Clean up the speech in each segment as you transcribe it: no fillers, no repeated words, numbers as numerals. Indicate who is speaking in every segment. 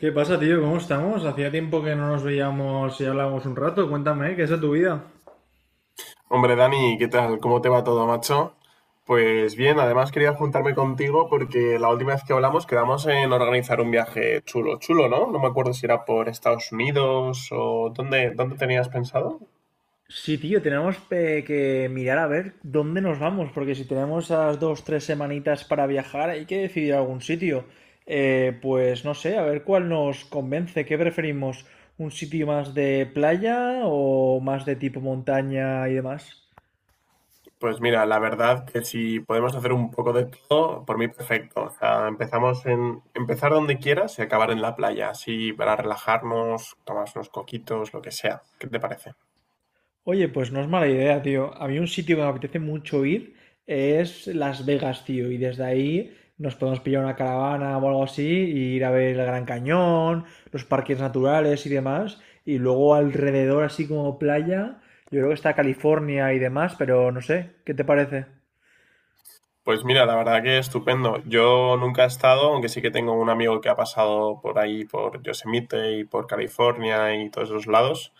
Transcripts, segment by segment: Speaker 1: ¿Qué pasa, tío? ¿Cómo estamos? Hacía tiempo que no nos veíamos y hablábamos un rato. Cuéntame, ¿qué es de tu vida?
Speaker 2: Hombre, Dani, ¿qué tal? ¿Cómo te va todo, macho? Pues bien, además quería juntarme contigo porque la última vez que hablamos quedamos en organizar un viaje chulo, chulo, ¿no? No me acuerdo si era por Estados Unidos o dónde tenías pensado.
Speaker 1: Sí, tío, tenemos que mirar a ver dónde nos vamos, porque si tenemos esas dos, tres semanitas para viajar, hay que decidir algún sitio. Pues no sé, a ver cuál nos convence, ¿qué preferimos? ¿Un sitio más de playa o más de tipo montaña y demás?
Speaker 2: Pues mira, la verdad que si podemos hacer un poco de todo, por mí perfecto. O sea, empezamos en empezar donde quieras y acabar en la playa, así para relajarnos, tomarnos unos coquitos, lo que sea. ¿Qué te parece?
Speaker 1: Oye, pues no es mala idea, tío. A mí un sitio que me apetece mucho ir es Las Vegas, tío. Y desde ahí nos podemos pillar una caravana o algo así, e ir a ver el Gran Cañón, los parques naturales y demás. Y luego alrededor, así como playa, yo creo que está California y demás, pero no sé, ¿qué te parece?
Speaker 2: Pues mira, la verdad que estupendo. Yo nunca he estado, aunque sí que tengo un amigo que ha pasado por ahí, por Yosemite y por California y todos esos lados.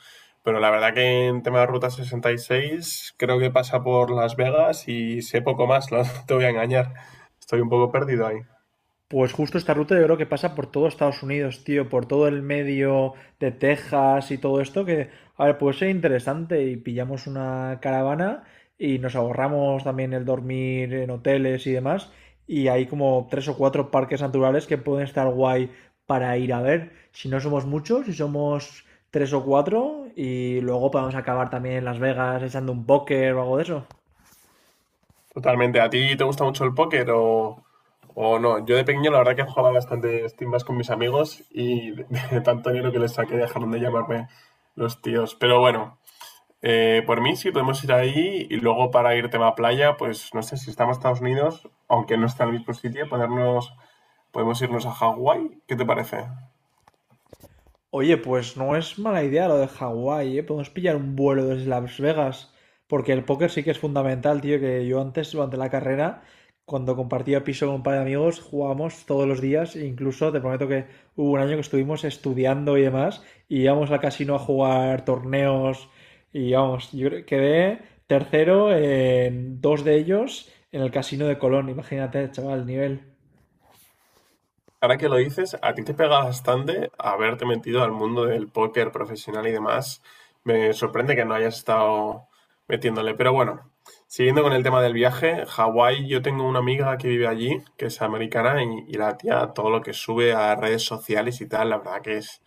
Speaker 2: Pero la verdad que en tema de Ruta 66 creo que pasa por Las Vegas y sé poco más, no te voy a engañar. Estoy un poco perdido ahí.
Speaker 1: Pues justo esta ruta yo creo que pasa por todo Estados Unidos, tío, por todo el medio de Texas y todo esto, que, a ver, puede ser interesante y pillamos una caravana y nos ahorramos también el dormir en hoteles y demás, y hay como tres o cuatro parques naturales que pueden estar guay para ir a ver, si no somos muchos, si somos tres o cuatro, y luego podemos acabar también en Las Vegas echando un póker o algo de eso.
Speaker 2: Totalmente. ¿A ti te gusta mucho el póker o no? Yo de pequeño la verdad que jugaba bastante timbas con mis amigos y de tanto dinero que les saqué dejaron de llamarme los tíos. Pero bueno. Por mí sí podemos ir ahí y luego para ir tema playa, pues no sé si estamos en Estados Unidos, aunque no está en el mismo sitio, ponernos, podemos irnos a Hawái. ¿Qué te parece?
Speaker 1: Oye, pues no es mala idea lo de Hawái, ¿eh? Podemos pillar un vuelo desde Las Vegas, porque el póker sí que es fundamental, tío, que yo antes, durante la carrera, cuando compartía piso con un par de amigos, jugábamos todos los días, e incluso te prometo que hubo un año que estuvimos estudiando y demás, y íbamos al casino a jugar torneos, y vamos, quedé tercero en dos de ellos en el casino de Colón, imagínate, chaval, el nivel.
Speaker 2: Ahora que lo dices, a ti te pega bastante haberte metido al mundo del póker profesional y demás. Me sorprende que no hayas estado metiéndole. Pero bueno, siguiendo con el tema del viaje, Hawái, yo tengo una amiga que vive allí, que es americana, y la tía, todo lo que sube a redes sociales y tal, la verdad que es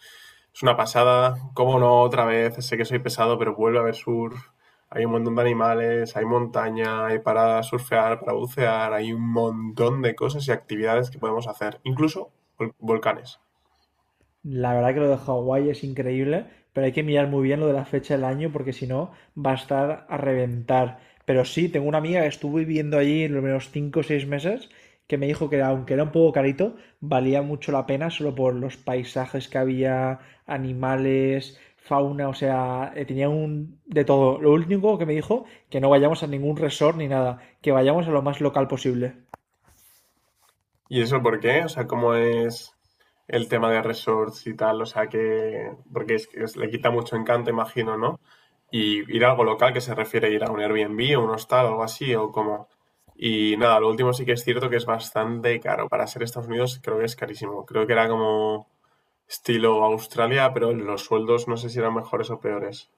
Speaker 2: Es una pasada. Cómo no, otra vez, sé que soy pesado, pero vuelve a haber surf. Hay un montón de animales, hay montaña, hay para surfear, para bucear, hay un montón de cosas y actividades que podemos hacer, incluso volcanes.
Speaker 1: La verdad que lo de Hawái es increíble, pero hay que mirar muy bien lo de la fecha del año porque si no va a estar a reventar. Pero sí, tengo una amiga que estuvo viviendo allí los menos 5 o 6 meses que me dijo que era- aunque era un poco carito, valía mucho la pena solo por los paisajes que había, animales, fauna, o sea, tenía un de todo. Lo único que me dijo que no vayamos a ningún resort ni nada, que vayamos a lo más local posible.
Speaker 2: ¿Y eso por qué? O sea, ¿cómo es el tema de resorts y tal? O sea, que... Porque es- le quita mucho encanto, imagino, ¿no? Y ir a algo local, que se refiere a ir a un Airbnb o un hostal, algo así, o como... Y nada, lo último sí que es cierto que es bastante caro. Para ser Estados Unidos creo que es carísimo. Creo que era como estilo Australia, pero los sueldos no sé si eran mejores o peores.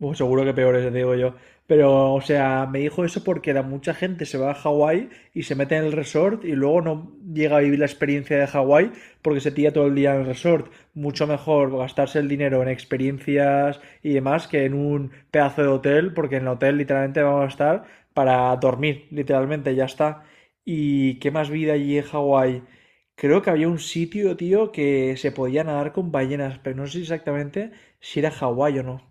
Speaker 1: Bueno, seguro que peores, digo yo. Pero, o sea, me dijo eso porque la mucha gente se va a Hawái y se mete en el resort y luego no llega a vivir la experiencia de Hawái porque se tira todo el día en el resort. Mucho mejor gastarse el dinero en experiencias y demás que en un pedazo de hotel, porque en el hotel literalmente vamos a estar para dormir, literalmente, ya está. ¿Y qué más vida allí en Hawái? Creo que había un sitio, tío, que se podía nadar con ballenas, pero no sé exactamente si era Hawái o no.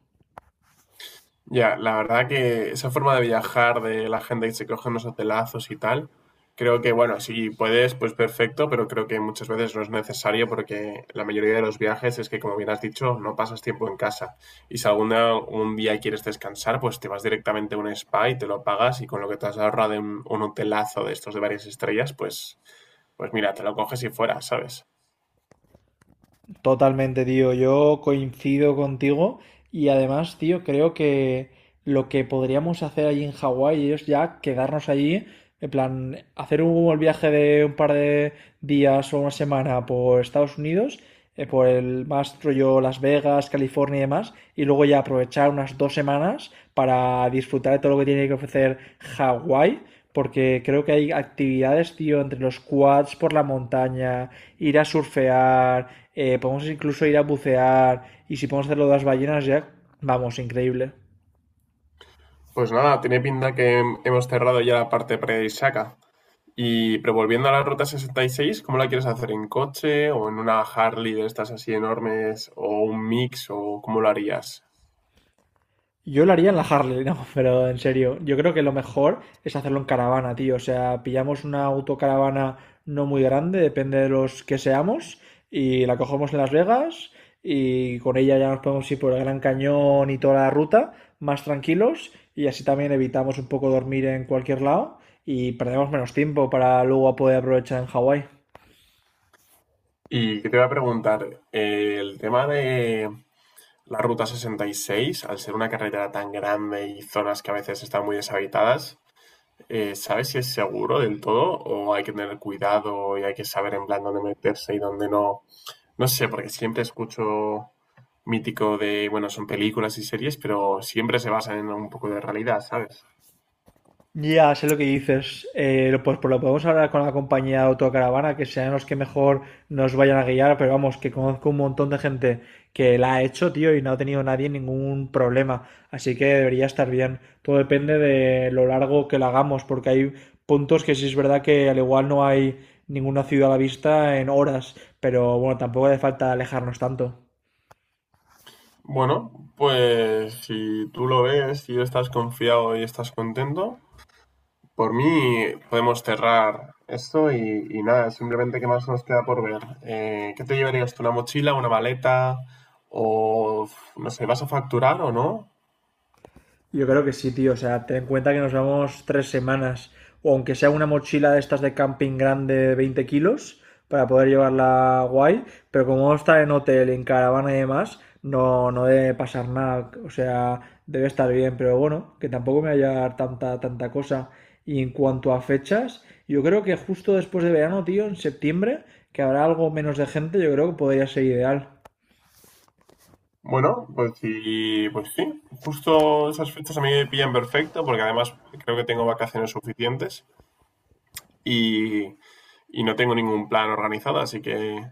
Speaker 2: Ya, la verdad que esa forma de viajar de la gente que se coge unos hotelazos y tal, creo que, bueno, si puedes, pues perfecto, pero creo que muchas veces no es necesario porque la mayoría de los viajes es que, como bien has dicho, no pasas tiempo en casa. Y si algún día, un día quieres descansar, pues te vas directamente a un spa y te lo pagas y con lo que te has ahorrado en un hotelazo de estos de varias estrellas, pues mira, te lo coges y fuera, ¿sabes?
Speaker 1: Totalmente, tío. Yo coincido contigo y además, tío, creo que lo que podríamos hacer allí en Hawái es ya quedarnos allí, en plan, hacer un viaje de un par de días o una semana por Estados Unidos, por el más rollo Las Vegas, California y demás, y luego ya aprovechar unas 2 semanas para disfrutar de todo lo que tiene que ofrecer Hawái. Porque creo que hay actividades, tío, entre los quads por la montaña, ir a surfear, podemos incluso ir a bucear y si podemos hacerlo de las ballenas ya, vamos, increíble.
Speaker 2: Pues nada, tiene pinta que hemos cerrado ya la parte pre-Isaka. Y, pero volviendo a la Ruta 66, ¿cómo la quieres hacer? ¿En coche o en una Harley de estas así enormes o un mix o cómo lo harías?
Speaker 1: Yo lo haría en la Harley, no, pero en serio, yo creo que lo mejor es hacerlo en caravana, tío. O sea, pillamos una autocaravana no muy grande, depende de los que seamos, y la cogemos en Las Vegas y con ella ya nos podemos ir por el Gran Cañón y toda la ruta más tranquilos y así también evitamos un poco dormir en cualquier lado y perdemos menos tiempo para luego poder aprovechar en Hawái.
Speaker 2: Y que te voy a preguntar, el tema de la Ruta 66, al ser una carretera tan grande y zonas que a veces están muy deshabitadas, ¿sabes si es seguro del todo o hay que tener cuidado y hay que saber en plan dónde meterse y dónde no? No sé, porque siempre escucho mítico de, bueno, son películas y series, pero siempre se basan en un poco de realidad, ¿sabes?
Speaker 1: Ya, sé lo que dices. Pues, por lo podemos hablar con la compañía de autocaravana, que sean los que mejor nos vayan a guiar, pero vamos, que conozco un montón de gente que la ha hecho, tío, y no ha tenido nadie ningún problema. Así que debería estar bien. Todo depende de lo largo que la hagamos, porque hay puntos que sí es verdad que al igual no hay ninguna ciudad a la vista en horas, pero bueno, tampoco hace falta alejarnos tanto.
Speaker 2: Bueno, pues si tú lo ves y estás confiado y estás contento, por mí podemos cerrar esto y nada, simplemente qué más nos queda por ver. ¿qué te llevarías tú? ¿Una mochila, una maleta? O no sé, ¿vas a facturar o no?
Speaker 1: Yo creo que sí, tío. O sea, ten en cuenta que nos vamos 3 semanas. O aunque sea una mochila de estas de camping grande de 20 kilos para poder llevarla guay. Pero como vamos a estar en hotel, en caravana y demás, no, no debe pasar nada. O sea, debe estar bien. Pero bueno, que tampoco me vaya a dar tanta, tanta cosa. Y en cuanto a fechas, yo creo que justo después de verano, tío, en septiembre, que habrá algo menos de gente, yo creo que podría ser ideal.
Speaker 2: Bueno, pues sí, pues sí. Justo esas fechas a mí me pillan perfecto porque además creo que tengo vacaciones suficientes y, y no tengo ningún plan organizado, así que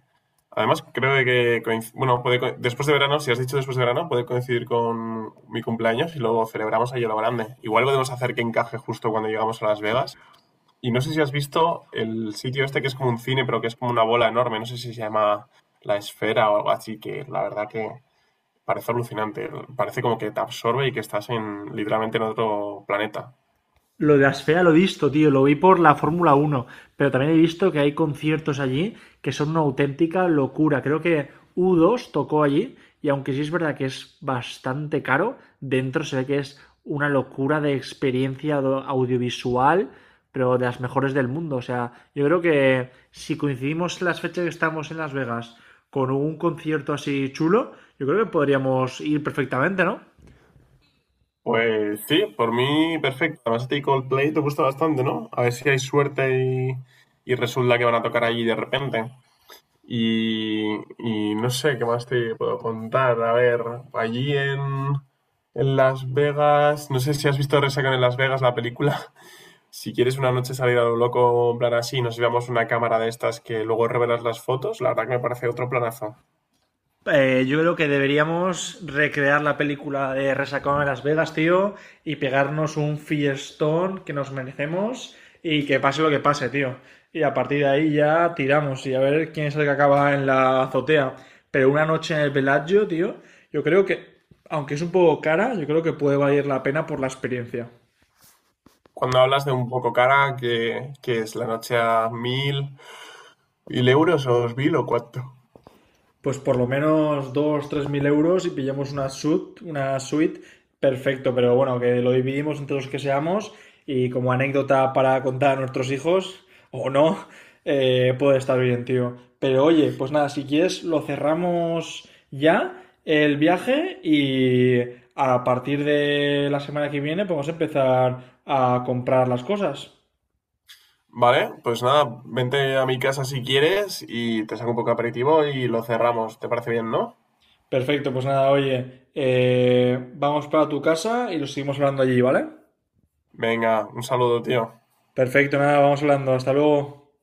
Speaker 2: además creo que bueno, puede después de verano, si has dicho después de verano, puede coincidir con mi cumpleaños y luego celebramos ahí a lo grande. Igual podemos hacer que encaje justo cuando llegamos a Las Vegas. Y no sé si has visto el sitio este que es como un cine, pero que es como una bola enorme, no sé si se llama La Esfera o algo así, que la verdad que parece alucinante, parece como que te absorbe y que estás en literalmente en otro planeta.
Speaker 1: Lo de Asfera lo he visto, tío, lo vi por la Fórmula 1, pero también he visto que hay conciertos allí que son una auténtica locura. Creo que U2 tocó allí y aunque sí es verdad que es bastante caro, dentro se ve que es una locura de experiencia audiovisual, pero de las mejores del mundo. O sea, yo creo que si coincidimos las fechas que estamos en Las Vegas con un concierto así chulo, yo creo que podríamos ir perfectamente, ¿no?
Speaker 2: Pues sí, por mí perfecto. Además, a ti Coldplay te gusta bastante, ¿no? A ver si hay suerte y resulta que van a tocar allí de repente. Y, y no sé qué más te puedo contar. A ver, allí en Las Vegas, no sé si has visto Resaca en Las Vegas la película. Si quieres una noche salir a lo loco, en plan así, nos llevamos una cámara de estas que luego revelas las fotos, la verdad que me parece otro planazo.
Speaker 1: Yo creo que deberíamos recrear la película de Resacón en Las Vegas, tío, y pegarnos un fiestón que nos merecemos y que pase lo que pase, tío. Y a partir de ahí ya tiramos y a ver quién es el que acaba en la azotea. Pero una noche en el Bellagio, tío, yo creo que, aunque es un poco cara, yo creo que puede valer la pena por la experiencia.
Speaker 2: Cuando hablas de un poco cara, que es la noche a 1.000. ¿Mil euros o 2.000 o cuánto?
Speaker 1: Pues por lo menos 2 3.000 euros y pillamos una suite, perfecto, pero bueno, que lo dividimos entre los que seamos y como anécdota para contar a nuestros hijos, o no, puede estar bien, tío. Pero oye, pues nada, si quieres lo cerramos ya el viaje y a partir de la semana que viene podemos empezar a comprar las cosas.
Speaker 2: Vale, pues nada, vente a mi casa si quieres y te saco un poco de aperitivo y lo cerramos. ¿Te parece bien, no?
Speaker 1: Perfecto, pues nada, oye, vamos para tu casa y lo seguimos hablando allí, ¿vale?
Speaker 2: Venga, un saludo, tío.
Speaker 1: Perfecto, nada, vamos hablando. Hasta luego.